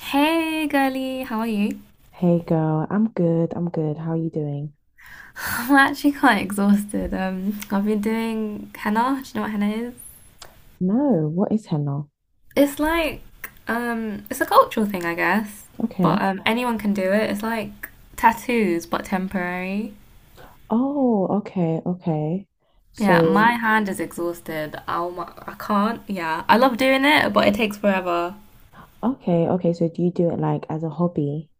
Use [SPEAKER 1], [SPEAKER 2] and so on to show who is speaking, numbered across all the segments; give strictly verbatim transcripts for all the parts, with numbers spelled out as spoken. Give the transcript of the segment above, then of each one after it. [SPEAKER 1] Hey girly, how are you?
[SPEAKER 2] Hey girl, I'm good. I'm good. How are you doing?
[SPEAKER 1] I'm actually quite exhausted. Um, I've been doing henna. Do you know what henna is?
[SPEAKER 2] No, what is henna?
[SPEAKER 1] It's like um, it's a cultural thing, I guess. But
[SPEAKER 2] Okay.
[SPEAKER 1] um, anyone can do it. It's like tattoos, but temporary.
[SPEAKER 2] Oh, okay, okay.
[SPEAKER 1] Yeah,
[SPEAKER 2] So,
[SPEAKER 1] my hand is exhausted. I'll, I can't. Yeah, I love doing it, but it takes forever.
[SPEAKER 2] okay, okay. So, do you do it like as a hobby?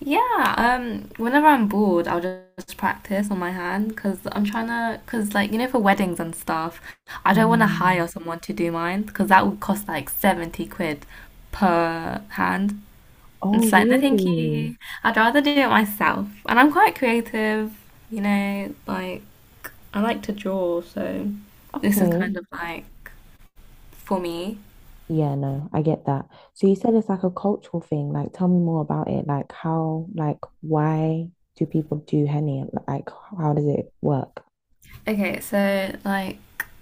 [SPEAKER 1] Yeah, um, whenever I'm bored, I'll just practice on my hand because I'm trying to, because like, you know, for weddings and stuff, I don't want to hire
[SPEAKER 2] Um,
[SPEAKER 1] someone to do mine because that would cost like seventy quid per hand. And
[SPEAKER 2] oh,
[SPEAKER 1] it's like, no, thank you.
[SPEAKER 2] really?
[SPEAKER 1] I'd rather do it myself. And I'm quite creative, you know, like, I like to draw, so this is kind
[SPEAKER 2] Okay.
[SPEAKER 1] of like for me.
[SPEAKER 2] Yeah, no, I get that. So, you said it's like a cultural thing. Like, tell me more about it. Like, how, like, why do people do henna? Like, how does it work?
[SPEAKER 1] Okay, so like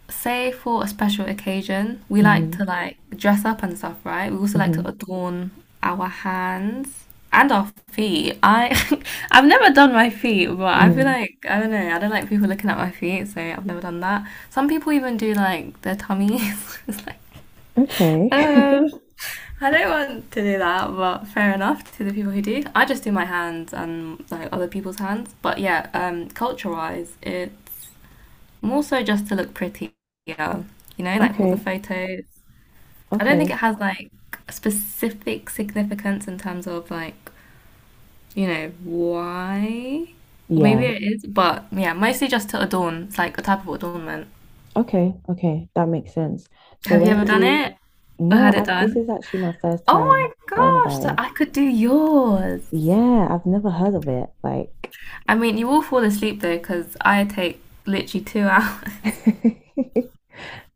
[SPEAKER 1] say for a special occasion, we like
[SPEAKER 2] Mm-hmm.
[SPEAKER 1] to like dress up and stuff, right? We also like to
[SPEAKER 2] Mm-hmm.
[SPEAKER 1] adorn our hands and our feet. I I've never done my feet, but I feel
[SPEAKER 2] Mm.
[SPEAKER 1] like I don't know, I don't like people looking at my feet, so I've never done that. Some people even do like their tummies. It's like
[SPEAKER 2] Okay.
[SPEAKER 1] um, I don't want to do that, but fair enough to the people who do. I just do my hands and like other people's hands. But yeah, um, culture-wise, it more so just to look prettier, you know, like for the
[SPEAKER 2] Okay.
[SPEAKER 1] photos. I don't think it
[SPEAKER 2] Okay.
[SPEAKER 1] has like specific significance in terms of like, you know, why. Or maybe
[SPEAKER 2] Yeah.
[SPEAKER 1] it is, but yeah, mostly just to adorn. It's like a type of adornment.
[SPEAKER 2] Okay, okay, that makes sense. So
[SPEAKER 1] Have you
[SPEAKER 2] when
[SPEAKER 1] ever
[SPEAKER 2] did
[SPEAKER 1] done
[SPEAKER 2] you?
[SPEAKER 1] it or
[SPEAKER 2] No,
[SPEAKER 1] had it
[SPEAKER 2] I this
[SPEAKER 1] done?
[SPEAKER 2] is actually my first
[SPEAKER 1] Oh my
[SPEAKER 2] time hearing
[SPEAKER 1] gosh,
[SPEAKER 2] about
[SPEAKER 1] so
[SPEAKER 2] it.
[SPEAKER 1] I could do yours.
[SPEAKER 2] Yeah, I've never heard of it. Like,
[SPEAKER 1] I mean, you will fall asleep though, because I take literally two hours.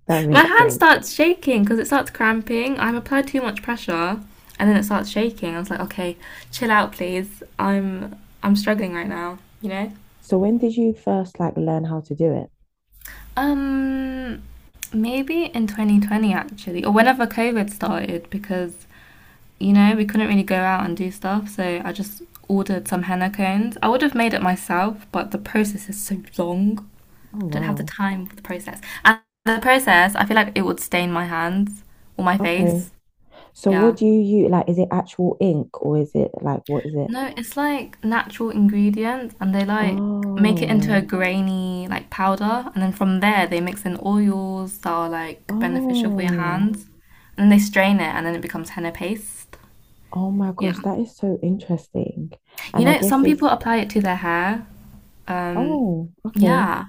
[SPEAKER 2] that
[SPEAKER 1] My
[SPEAKER 2] makes
[SPEAKER 1] hand
[SPEAKER 2] sense.
[SPEAKER 1] starts shaking because it starts cramping. I've applied too much pressure, and then it starts shaking. I was like, okay, chill out, please. I'm I'm struggling right now. You know.
[SPEAKER 2] So when did you first like learn how to do it?
[SPEAKER 1] Um, Maybe in twenty twenty actually, or whenever COVID started, because you know we couldn't really go out and do stuff. So I just ordered some henna cones. I would have made it myself, but the process is so long.
[SPEAKER 2] Oh
[SPEAKER 1] I don't have the
[SPEAKER 2] wow.
[SPEAKER 1] time for the process. And the process, I feel like it would stain my hands or my
[SPEAKER 2] Okay.
[SPEAKER 1] face.
[SPEAKER 2] So what
[SPEAKER 1] Yeah.
[SPEAKER 2] do you use? Like, is it actual ink or is it like what is it?
[SPEAKER 1] No, it's like natural ingredients and they like make it into a
[SPEAKER 2] Oh,
[SPEAKER 1] grainy like powder, and then from there they mix in oils that are like beneficial for your
[SPEAKER 2] oh,
[SPEAKER 1] hands, and then they strain it and then it becomes henna paste.
[SPEAKER 2] oh my gosh,
[SPEAKER 1] Yeah.
[SPEAKER 2] that is so interesting.
[SPEAKER 1] You
[SPEAKER 2] And I
[SPEAKER 1] know,
[SPEAKER 2] guess
[SPEAKER 1] some
[SPEAKER 2] it's,
[SPEAKER 1] people apply it to their hair. Um,
[SPEAKER 2] oh, okay.
[SPEAKER 1] yeah,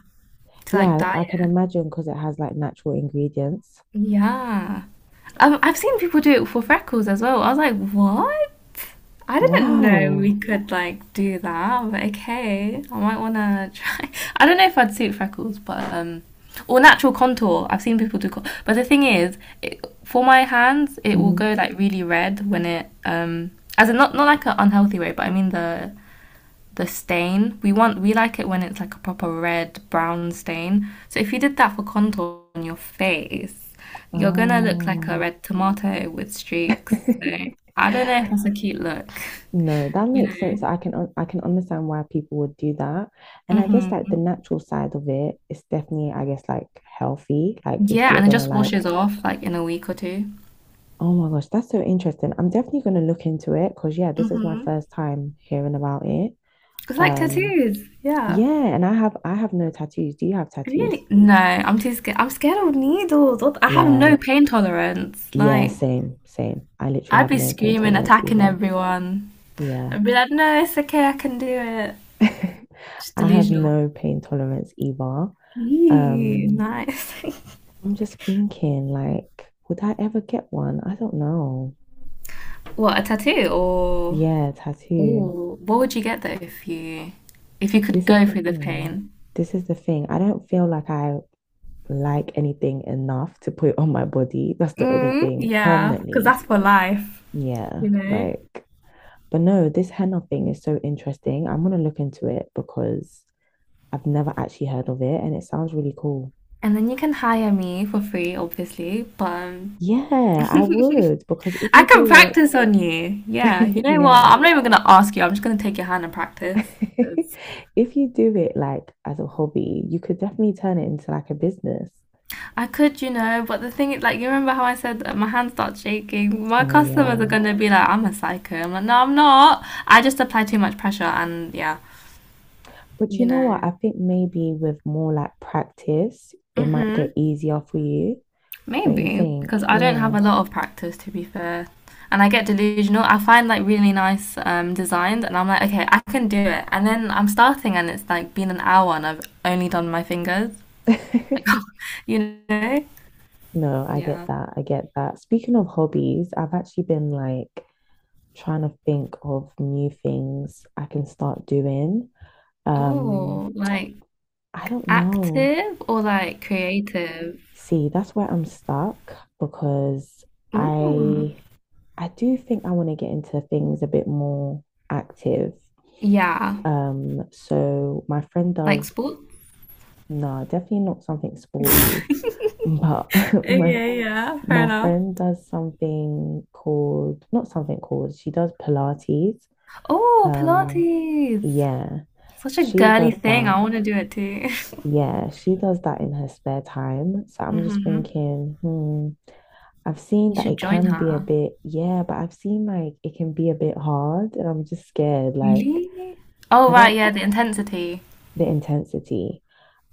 [SPEAKER 1] to like
[SPEAKER 2] Yeah,
[SPEAKER 1] dye
[SPEAKER 2] I can
[SPEAKER 1] it.
[SPEAKER 2] imagine because it has like natural ingredients.
[SPEAKER 1] Yeah. Um, I've seen people do it for freckles as well. I was like, what? I didn't know we
[SPEAKER 2] Wow.
[SPEAKER 1] could like do that, but okay. I might wanna try. I don't know if I'd suit freckles, but um, or natural contour. I've seen people do, con- but the thing is, it, for my hands, it will
[SPEAKER 2] Mhm.
[SPEAKER 1] go like really red when it um, as in not not like an unhealthy way, but I mean the the stain. We want we like it when it's like a proper red brown stain. So if you did that for contour on your face, you're gonna look like a
[SPEAKER 2] Oh.
[SPEAKER 1] red tomato with streaks. So I don't know if that's a cute look.
[SPEAKER 2] No, that
[SPEAKER 1] you know.
[SPEAKER 2] makes sense. I can un- I can understand why people would do that. And I guess like the
[SPEAKER 1] hmm
[SPEAKER 2] natural side of it is definitely, I guess, like healthy. Like if
[SPEAKER 1] Yeah,
[SPEAKER 2] you're
[SPEAKER 1] and it
[SPEAKER 2] gonna
[SPEAKER 1] just washes
[SPEAKER 2] like,
[SPEAKER 1] off like in a week or two.
[SPEAKER 2] oh my gosh, that's so interesting. I'm definitely gonna look into it because yeah, this is my
[SPEAKER 1] Mm-hmm.
[SPEAKER 2] first time hearing about it.
[SPEAKER 1] It's like
[SPEAKER 2] Um,
[SPEAKER 1] tattoos. Yeah.
[SPEAKER 2] yeah, and I have I have no tattoos. Do you have tattoos?
[SPEAKER 1] Really? No, I'm too scared. I'm scared of needles. What the- I have
[SPEAKER 2] Yeah.
[SPEAKER 1] no pain tolerance.
[SPEAKER 2] Yeah,
[SPEAKER 1] Like,
[SPEAKER 2] same, same. I literally
[SPEAKER 1] I'd
[SPEAKER 2] have
[SPEAKER 1] be
[SPEAKER 2] no pain
[SPEAKER 1] screaming,
[SPEAKER 2] tolerance
[SPEAKER 1] attacking
[SPEAKER 2] either.
[SPEAKER 1] everyone.
[SPEAKER 2] Yeah.
[SPEAKER 1] I'd be like, no, it's okay, I can do it.
[SPEAKER 2] I
[SPEAKER 1] Just
[SPEAKER 2] have
[SPEAKER 1] delusional.
[SPEAKER 2] no pain tolerance either.
[SPEAKER 1] Ew,
[SPEAKER 2] Um,
[SPEAKER 1] nice.
[SPEAKER 2] I'm just thinking, like, would I ever get one? I don't know.
[SPEAKER 1] What, a tattoo or
[SPEAKER 2] Yeah, tattoo.
[SPEAKER 1] ooh, what would you get though if you if you could
[SPEAKER 2] This is
[SPEAKER 1] go
[SPEAKER 2] the
[SPEAKER 1] through the
[SPEAKER 2] thing.
[SPEAKER 1] pain?
[SPEAKER 2] This is the thing. I don't feel like I like anything enough to put on my body. That's the only
[SPEAKER 1] Mm,
[SPEAKER 2] thing
[SPEAKER 1] yeah, because
[SPEAKER 2] permanently.
[SPEAKER 1] that's for life,
[SPEAKER 2] Yeah,
[SPEAKER 1] you know.
[SPEAKER 2] like, but no, this henna thing is so interesting. I'm gonna look into it because I've never actually heard of it and it sounds really cool.
[SPEAKER 1] And then you can hire me for free, obviously. But um,
[SPEAKER 2] Yeah, I would because if
[SPEAKER 1] I
[SPEAKER 2] you
[SPEAKER 1] can
[SPEAKER 2] do
[SPEAKER 1] practice on you. Yeah, you
[SPEAKER 2] it,
[SPEAKER 1] know what?
[SPEAKER 2] yeah.
[SPEAKER 1] I'm not even gonna ask you. I'm just gonna take your hand and practice. 'Cause
[SPEAKER 2] If you do it like as a hobby, you could definitely turn it into like a business.
[SPEAKER 1] I could, you know, but the thing is, like, you remember how I said that my hand starts shaking? My
[SPEAKER 2] Oh
[SPEAKER 1] customers are
[SPEAKER 2] yeah.
[SPEAKER 1] gonna be like, "I'm a psycho." I'm like, "No, I'm not. I just apply too much pressure," and yeah,
[SPEAKER 2] But you
[SPEAKER 1] you
[SPEAKER 2] know what?
[SPEAKER 1] know.
[SPEAKER 2] I think maybe with more like practice, it might get
[SPEAKER 1] hmm
[SPEAKER 2] easier for you, don't you
[SPEAKER 1] Maybe because
[SPEAKER 2] think?
[SPEAKER 1] I don't have
[SPEAKER 2] Yeah.
[SPEAKER 1] a lot of practice to be fair, and I get delusional. I find like really nice um, designs, and I'm like, okay, I can do it. And then I'm starting, and it's like been an hour, and I've only done my fingers. Like, you know?
[SPEAKER 2] No, I get
[SPEAKER 1] Yeah.
[SPEAKER 2] that. I get that. Speaking of hobbies, I've actually been like trying to think of new things I can start doing. Um,
[SPEAKER 1] Oh, like
[SPEAKER 2] I don't know.
[SPEAKER 1] active or like creative?
[SPEAKER 2] See, that's where I'm stuck because
[SPEAKER 1] Ooh,
[SPEAKER 2] I I do think I want to get into things a bit more active.
[SPEAKER 1] yeah,
[SPEAKER 2] Um, so my friend
[SPEAKER 1] like
[SPEAKER 2] does
[SPEAKER 1] sports?
[SPEAKER 2] no, definitely not something sporty, but my
[SPEAKER 1] Okay, yeah, fair
[SPEAKER 2] my
[SPEAKER 1] enough.
[SPEAKER 2] friend does something called not something called, she does Pilates.
[SPEAKER 1] Oh,
[SPEAKER 2] Um,
[SPEAKER 1] Pilates.
[SPEAKER 2] yeah,
[SPEAKER 1] Such a
[SPEAKER 2] she
[SPEAKER 1] girly
[SPEAKER 2] does
[SPEAKER 1] thing. I
[SPEAKER 2] that.
[SPEAKER 1] want to do it too.
[SPEAKER 2] Yeah, she does that in her spare time. So I'm just thinking, hmm, I've seen
[SPEAKER 1] You
[SPEAKER 2] that
[SPEAKER 1] should
[SPEAKER 2] it
[SPEAKER 1] join
[SPEAKER 2] can be a
[SPEAKER 1] her.
[SPEAKER 2] bit, yeah, but I've seen like it can be a bit hard and I'm just scared. Like,
[SPEAKER 1] Really? Oh,
[SPEAKER 2] I
[SPEAKER 1] right,
[SPEAKER 2] don't.
[SPEAKER 1] yeah, the intensity.
[SPEAKER 2] The intensity.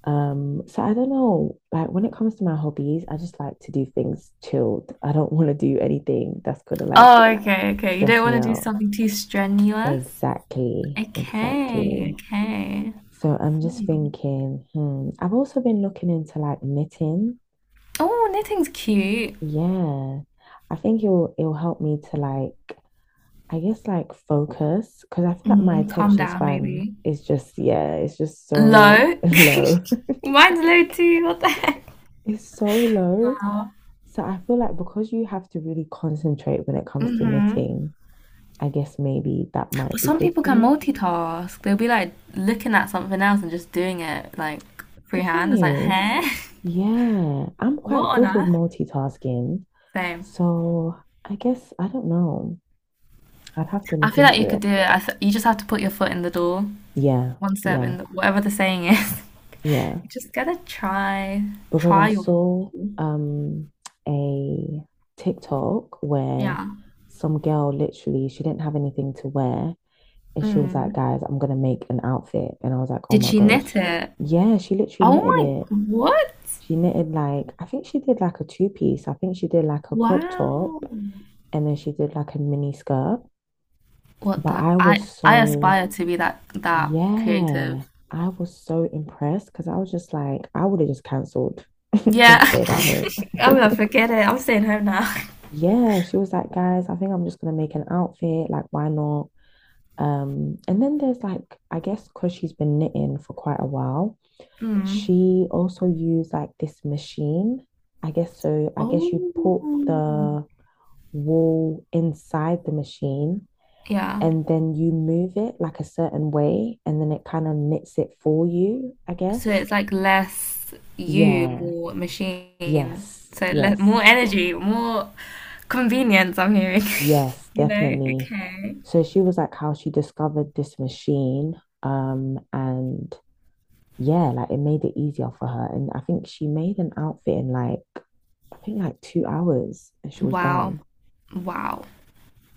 [SPEAKER 2] Um, so I don't know. Like, when it comes to my hobbies, I just like to do things chilled. I don't want to do anything that's gonna like
[SPEAKER 1] Oh, okay, okay. You don't
[SPEAKER 2] stress me
[SPEAKER 1] want to do
[SPEAKER 2] out.
[SPEAKER 1] something too strenuous?
[SPEAKER 2] Exactly,
[SPEAKER 1] Okay,
[SPEAKER 2] exactly.
[SPEAKER 1] okay.
[SPEAKER 2] So I'm just
[SPEAKER 1] Hmm.
[SPEAKER 2] thinking, hmm, I've also been looking into like knitting.
[SPEAKER 1] Oh, knitting's cute.
[SPEAKER 2] Yeah, I think it'll it'll help me to like I guess like focus because I feel like my
[SPEAKER 1] Mm, calm
[SPEAKER 2] attention
[SPEAKER 1] down,
[SPEAKER 2] span
[SPEAKER 1] maybe.
[SPEAKER 2] is just yeah, it's just so
[SPEAKER 1] Low?
[SPEAKER 2] low.
[SPEAKER 1] Mine's low too. What the heck?
[SPEAKER 2] It's so low.
[SPEAKER 1] Wow.
[SPEAKER 2] So I feel like because you have to really concentrate when it comes to
[SPEAKER 1] hmm
[SPEAKER 2] knitting, I guess maybe that
[SPEAKER 1] But
[SPEAKER 2] might be
[SPEAKER 1] some
[SPEAKER 2] good
[SPEAKER 1] people
[SPEAKER 2] for
[SPEAKER 1] can
[SPEAKER 2] me.
[SPEAKER 1] multitask. They'll be like looking at something else and just doing it like
[SPEAKER 2] The thing
[SPEAKER 1] freehand. It's like,
[SPEAKER 2] is,
[SPEAKER 1] huh?
[SPEAKER 2] yeah, I'm
[SPEAKER 1] What
[SPEAKER 2] quite
[SPEAKER 1] on
[SPEAKER 2] good with
[SPEAKER 1] earth?
[SPEAKER 2] multitasking.
[SPEAKER 1] Same.
[SPEAKER 2] So I guess I don't know. I'd have to
[SPEAKER 1] I
[SPEAKER 2] look
[SPEAKER 1] feel like
[SPEAKER 2] into
[SPEAKER 1] you could
[SPEAKER 2] it.
[SPEAKER 1] do it. I th- you just have to put your foot in the door,
[SPEAKER 2] Yeah,
[SPEAKER 1] one step in
[SPEAKER 2] yeah,
[SPEAKER 1] the, whatever the saying is.
[SPEAKER 2] yeah.
[SPEAKER 1] just gotta try,
[SPEAKER 2] Because I
[SPEAKER 1] try trial.
[SPEAKER 2] saw um a TikTok where
[SPEAKER 1] Yeah.
[SPEAKER 2] some girl literally she didn't have anything to wear and she was like,
[SPEAKER 1] Mm.
[SPEAKER 2] guys, I'm gonna make an outfit. And I was like, oh
[SPEAKER 1] Did
[SPEAKER 2] my
[SPEAKER 1] she knit
[SPEAKER 2] gosh.
[SPEAKER 1] it?
[SPEAKER 2] Yeah, she literally
[SPEAKER 1] Oh
[SPEAKER 2] knitted
[SPEAKER 1] my!
[SPEAKER 2] it.
[SPEAKER 1] What?
[SPEAKER 2] She knitted like I think she did like a two piece. I think she did like a crop top
[SPEAKER 1] Wow.
[SPEAKER 2] and then she did like a mini skirt.
[SPEAKER 1] What
[SPEAKER 2] But
[SPEAKER 1] the?
[SPEAKER 2] I
[SPEAKER 1] I
[SPEAKER 2] was
[SPEAKER 1] I
[SPEAKER 2] so
[SPEAKER 1] aspire to be that that
[SPEAKER 2] yeah,
[SPEAKER 1] creative.
[SPEAKER 2] I was so impressed because I was just like, I would have just cancelled
[SPEAKER 1] Yeah.
[SPEAKER 2] and stayed at home.
[SPEAKER 1] I'm gonna forget it. I'm staying home now.
[SPEAKER 2] Yeah, she was like, guys, I think I'm just gonna make an outfit. Like, why not? Um, and then there's like, I guess because she's been knitting for quite a while,
[SPEAKER 1] Mm.
[SPEAKER 2] she also used like this machine. I guess so. I guess you put
[SPEAKER 1] Oh.
[SPEAKER 2] the wool inside the machine
[SPEAKER 1] Yeah.
[SPEAKER 2] and then you move it like a certain way and then it kind of knits it for you, I
[SPEAKER 1] So
[SPEAKER 2] guess.
[SPEAKER 1] it's like less you,
[SPEAKER 2] Yeah.
[SPEAKER 1] more machine.
[SPEAKER 2] Yes.
[SPEAKER 1] So le more
[SPEAKER 2] Yes.
[SPEAKER 1] energy, more convenience, I'm hearing.
[SPEAKER 2] Yes,
[SPEAKER 1] You know?
[SPEAKER 2] definitely.
[SPEAKER 1] Okay.
[SPEAKER 2] So she was like how she discovered this machine, um, and yeah, like it made it easier for her. And I think she made an outfit in like, I think like two hours, and she was
[SPEAKER 1] Wow.
[SPEAKER 2] done.
[SPEAKER 1] Wow.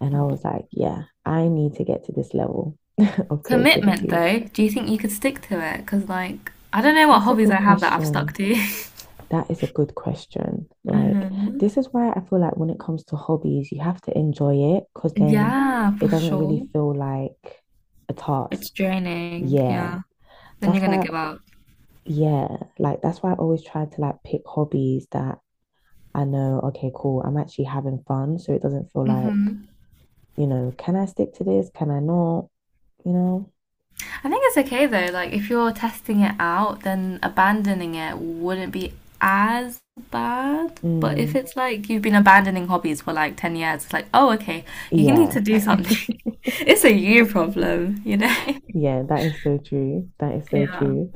[SPEAKER 2] And I
[SPEAKER 1] W-
[SPEAKER 2] was like, yeah, I need to get to this level of
[SPEAKER 1] Commitment,
[SPEAKER 2] creativity.
[SPEAKER 1] though. Do you think you could stick to it? Because, like, I don't know what
[SPEAKER 2] That's a
[SPEAKER 1] hobbies I
[SPEAKER 2] good
[SPEAKER 1] have that I've stuck
[SPEAKER 2] question.
[SPEAKER 1] to.
[SPEAKER 2] That is a good question. Like,
[SPEAKER 1] hmm
[SPEAKER 2] this is why I feel like when it comes to hobbies, you have to enjoy it because then
[SPEAKER 1] Yeah, for
[SPEAKER 2] it doesn't really
[SPEAKER 1] sure.
[SPEAKER 2] feel like a
[SPEAKER 1] It's
[SPEAKER 2] task.
[SPEAKER 1] draining.
[SPEAKER 2] Yeah.
[SPEAKER 1] Yeah. Then you're
[SPEAKER 2] That's
[SPEAKER 1] gonna
[SPEAKER 2] why,
[SPEAKER 1] give up.
[SPEAKER 2] yeah, like that's why I always try to like pick hobbies that I know, okay, cool, I'm actually having fun. So it doesn't feel like,
[SPEAKER 1] hmm
[SPEAKER 2] you know, can I stick to this? Can I not? You know?
[SPEAKER 1] I think it's okay though. Like if you're testing it out, then abandoning it wouldn't be as bad. But if
[SPEAKER 2] Mm,
[SPEAKER 1] it's like you've been abandoning hobbies for like ten years, it's like, oh, okay, you need to
[SPEAKER 2] yeah.
[SPEAKER 1] do something. it's a you problem, you know?
[SPEAKER 2] Yeah, that is so true. That is so
[SPEAKER 1] Yeah.
[SPEAKER 2] true.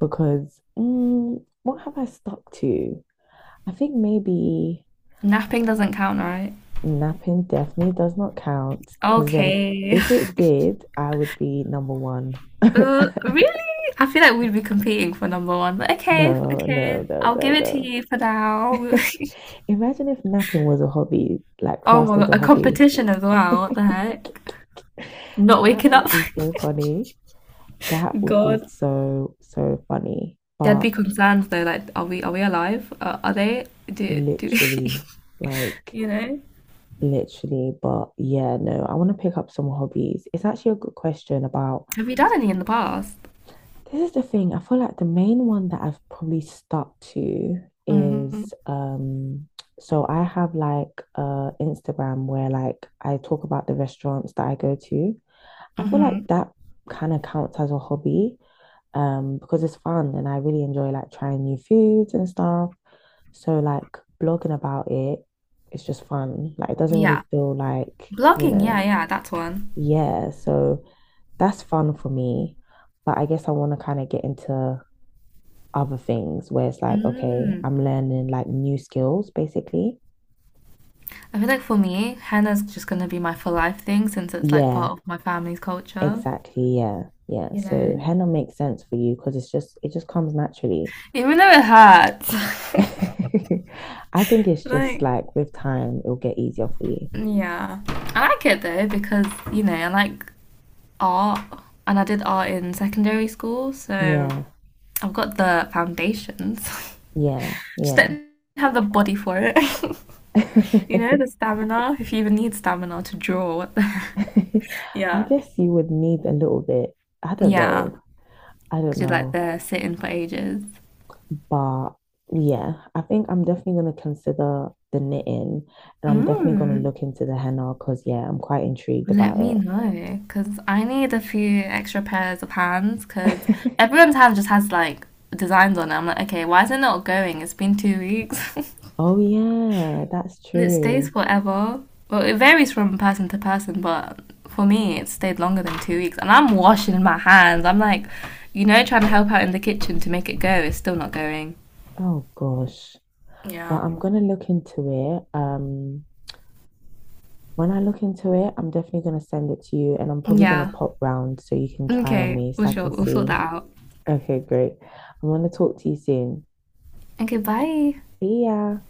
[SPEAKER 2] Because mm, what have I stuck to? I think maybe
[SPEAKER 1] Napping doesn't count, right?
[SPEAKER 2] napping definitely does not count because then
[SPEAKER 1] Okay.
[SPEAKER 2] if it did, I would be number one.
[SPEAKER 1] Uh, really? I feel like we'd be competing for number one, but okay,
[SPEAKER 2] No, no,
[SPEAKER 1] okay.
[SPEAKER 2] no,
[SPEAKER 1] I'll
[SPEAKER 2] no,
[SPEAKER 1] give it to
[SPEAKER 2] no.
[SPEAKER 1] you for now.
[SPEAKER 2] Imagine if napping was a hobby, like
[SPEAKER 1] oh
[SPEAKER 2] classed
[SPEAKER 1] my
[SPEAKER 2] as
[SPEAKER 1] god,
[SPEAKER 2] a
[SPEAKER 1] a
[SPEAKER 2] hobby.
[SPEAKER 1] competition as well. What the
[SPEAKER 2] That
[SPEAKER 1] heck? Not waking
[SPEAKER 2] would
[SPEAKER 1] up.
[SPEAKER 2] be so funny. That would be
[SPEAKER 1] God.
[SPEAKER 2] so, so funny.
[SPEAKER 1] There'd
[SPEAKER 2] But
[SPEAKER 1] be concerns though, like, are we are we alive? Uh, are they? Do do
[SPEAKER 2] literally, like,
[SPEAKER 1] you know?
[SPEAKER 2] literally, but yeah, no, I want to pick up some hobbies. It's actually a good question about
[SPEAKER 1] Have you done any in the past?
[SPEAKER 2] This is the thing. I feel like the main one that I've probably stuck to
[SPEAKER 1] Mm-hmm.
[SPEAKER 2] is um so I have like uh Instagram where like I talk about the restaurants that I go to. I feel like
[SPEAKER 1] hmm
[SPEAKER 2] that kind of counts as a hobby um because it's fun and I really enjoy like trying new foods and stuff. So like blogging about it, it's just fun. Like it doesn't
[SPEAKER 1] Yeah,
[SPEAKER 2] really feel like, you
[SPEAKER 1] blogging. Yeah,
[SPEAKER 2] know,
[SPEAKER 1] yeah, that's one.
[SPEAKER 2] yeah, so that's fun for me. But I guess I want to kind of get into other things where it's like, okay,
[SPEAKER 1] Mm.
[SPEAKER 2] I'm learning like new skills basically.
[SPEAKER 1] I feel like for me, henna's just gonna be my for life thing since it's like part
[SPEAKER 2] Yeah,
[SPEAKER 1] of my family's culture.
[SPEAKER 2] exactly. Yeah. Yeah.
[SPEAKER 1] You
[SPEAKER 2] So
[SPEAKER 1] know,
[SPEAKER 2] henna makes sense for you because it's just, it just comes naturally.
[SPEAKER 1] even though it hurts,
[SPEAKER 2] I think it's just
[SPEAKER 1] like
[SPEAKER 2] like with time, it'll get easier for you.
[SPEAKER 1] yeah, I like it though because you know I like art and I did art in secondary school, so
[SPEAKER 2] Yeah.
[SPEAKER 1] I've got the foundations.
[SPEAKER 2] Yeah.
[SPEAKER 1] Just
[SPEAKER 2] Yeah.
[SPEAKER 1] didn't have the body for it. you know, the stamina. If you even need stamina to draw, what the
[SPEAKER 2] I
[SPEAKER 1] Yeah.
[SPEAKER 2] guess you would need a little bit. I don't
[SPEAKER 1] Yeah,
[SPEAKER 2] know. I don't
[SPEAKER 1] because you're like
[SPEAKER 2] know.
[SPEAKER 1] there sitting for ages.
[SPEAKER 2] But yeah, I think I'm definitely going to consider the knitting and I'm definitely going to
[SPEAKER 1] Mm,
[SPEAKER 2] look into the henna because, yeah, I'm quite intrigued
[SPEAKER 1] let
[SPEAKER 2] about
[SPEAKER 1] me
[SPEAKER 2] it.
[SPEAKER 1] know, because I need a few extra pairs of hands, because everyone's hand just has like designs on it. I'm like, okay, why is it not going? It's been two weeks.
[SPEAKER 2] Oh, yeah, that's
[SPEAKER 1] It stays
[SPEAKER 2] true.
[SPEAKER 1] forever. Well, it varies from person to person, but for me, it stayed longer than two weeks. And I'm washing my hands. I'm like, you know, trying to help out in the kitchen to make it go. It's still not going.
[SPEAKER 2] Oh, gosh. But
[SPEAKER 1] Yeah.
[SPEAKER 2] I'm going to look into it. Um, when I look into it, I'm definitely going to send it to you and I'm probably going to
[SPEAKER 1] Yeah.
[SPEAKER 2] pop round so you can try on
[SPEAKER 1] Okay.
[SPEAKER 2] me
[SPEAKER 1] We'll
[SPEAKER 2] so I
[SPEAKER 1] Sure.
[SPEAKER 2] can
[SPEAKER 1] We'll sort
[SPEAKER 2] see.
[SPEAKER 1] that out.
[SPEAKER 2] Okay, great. I'm going to talk to you soon.
[SPEAKER 1] Okay. Bye.
[SPEAKER 2] See ya.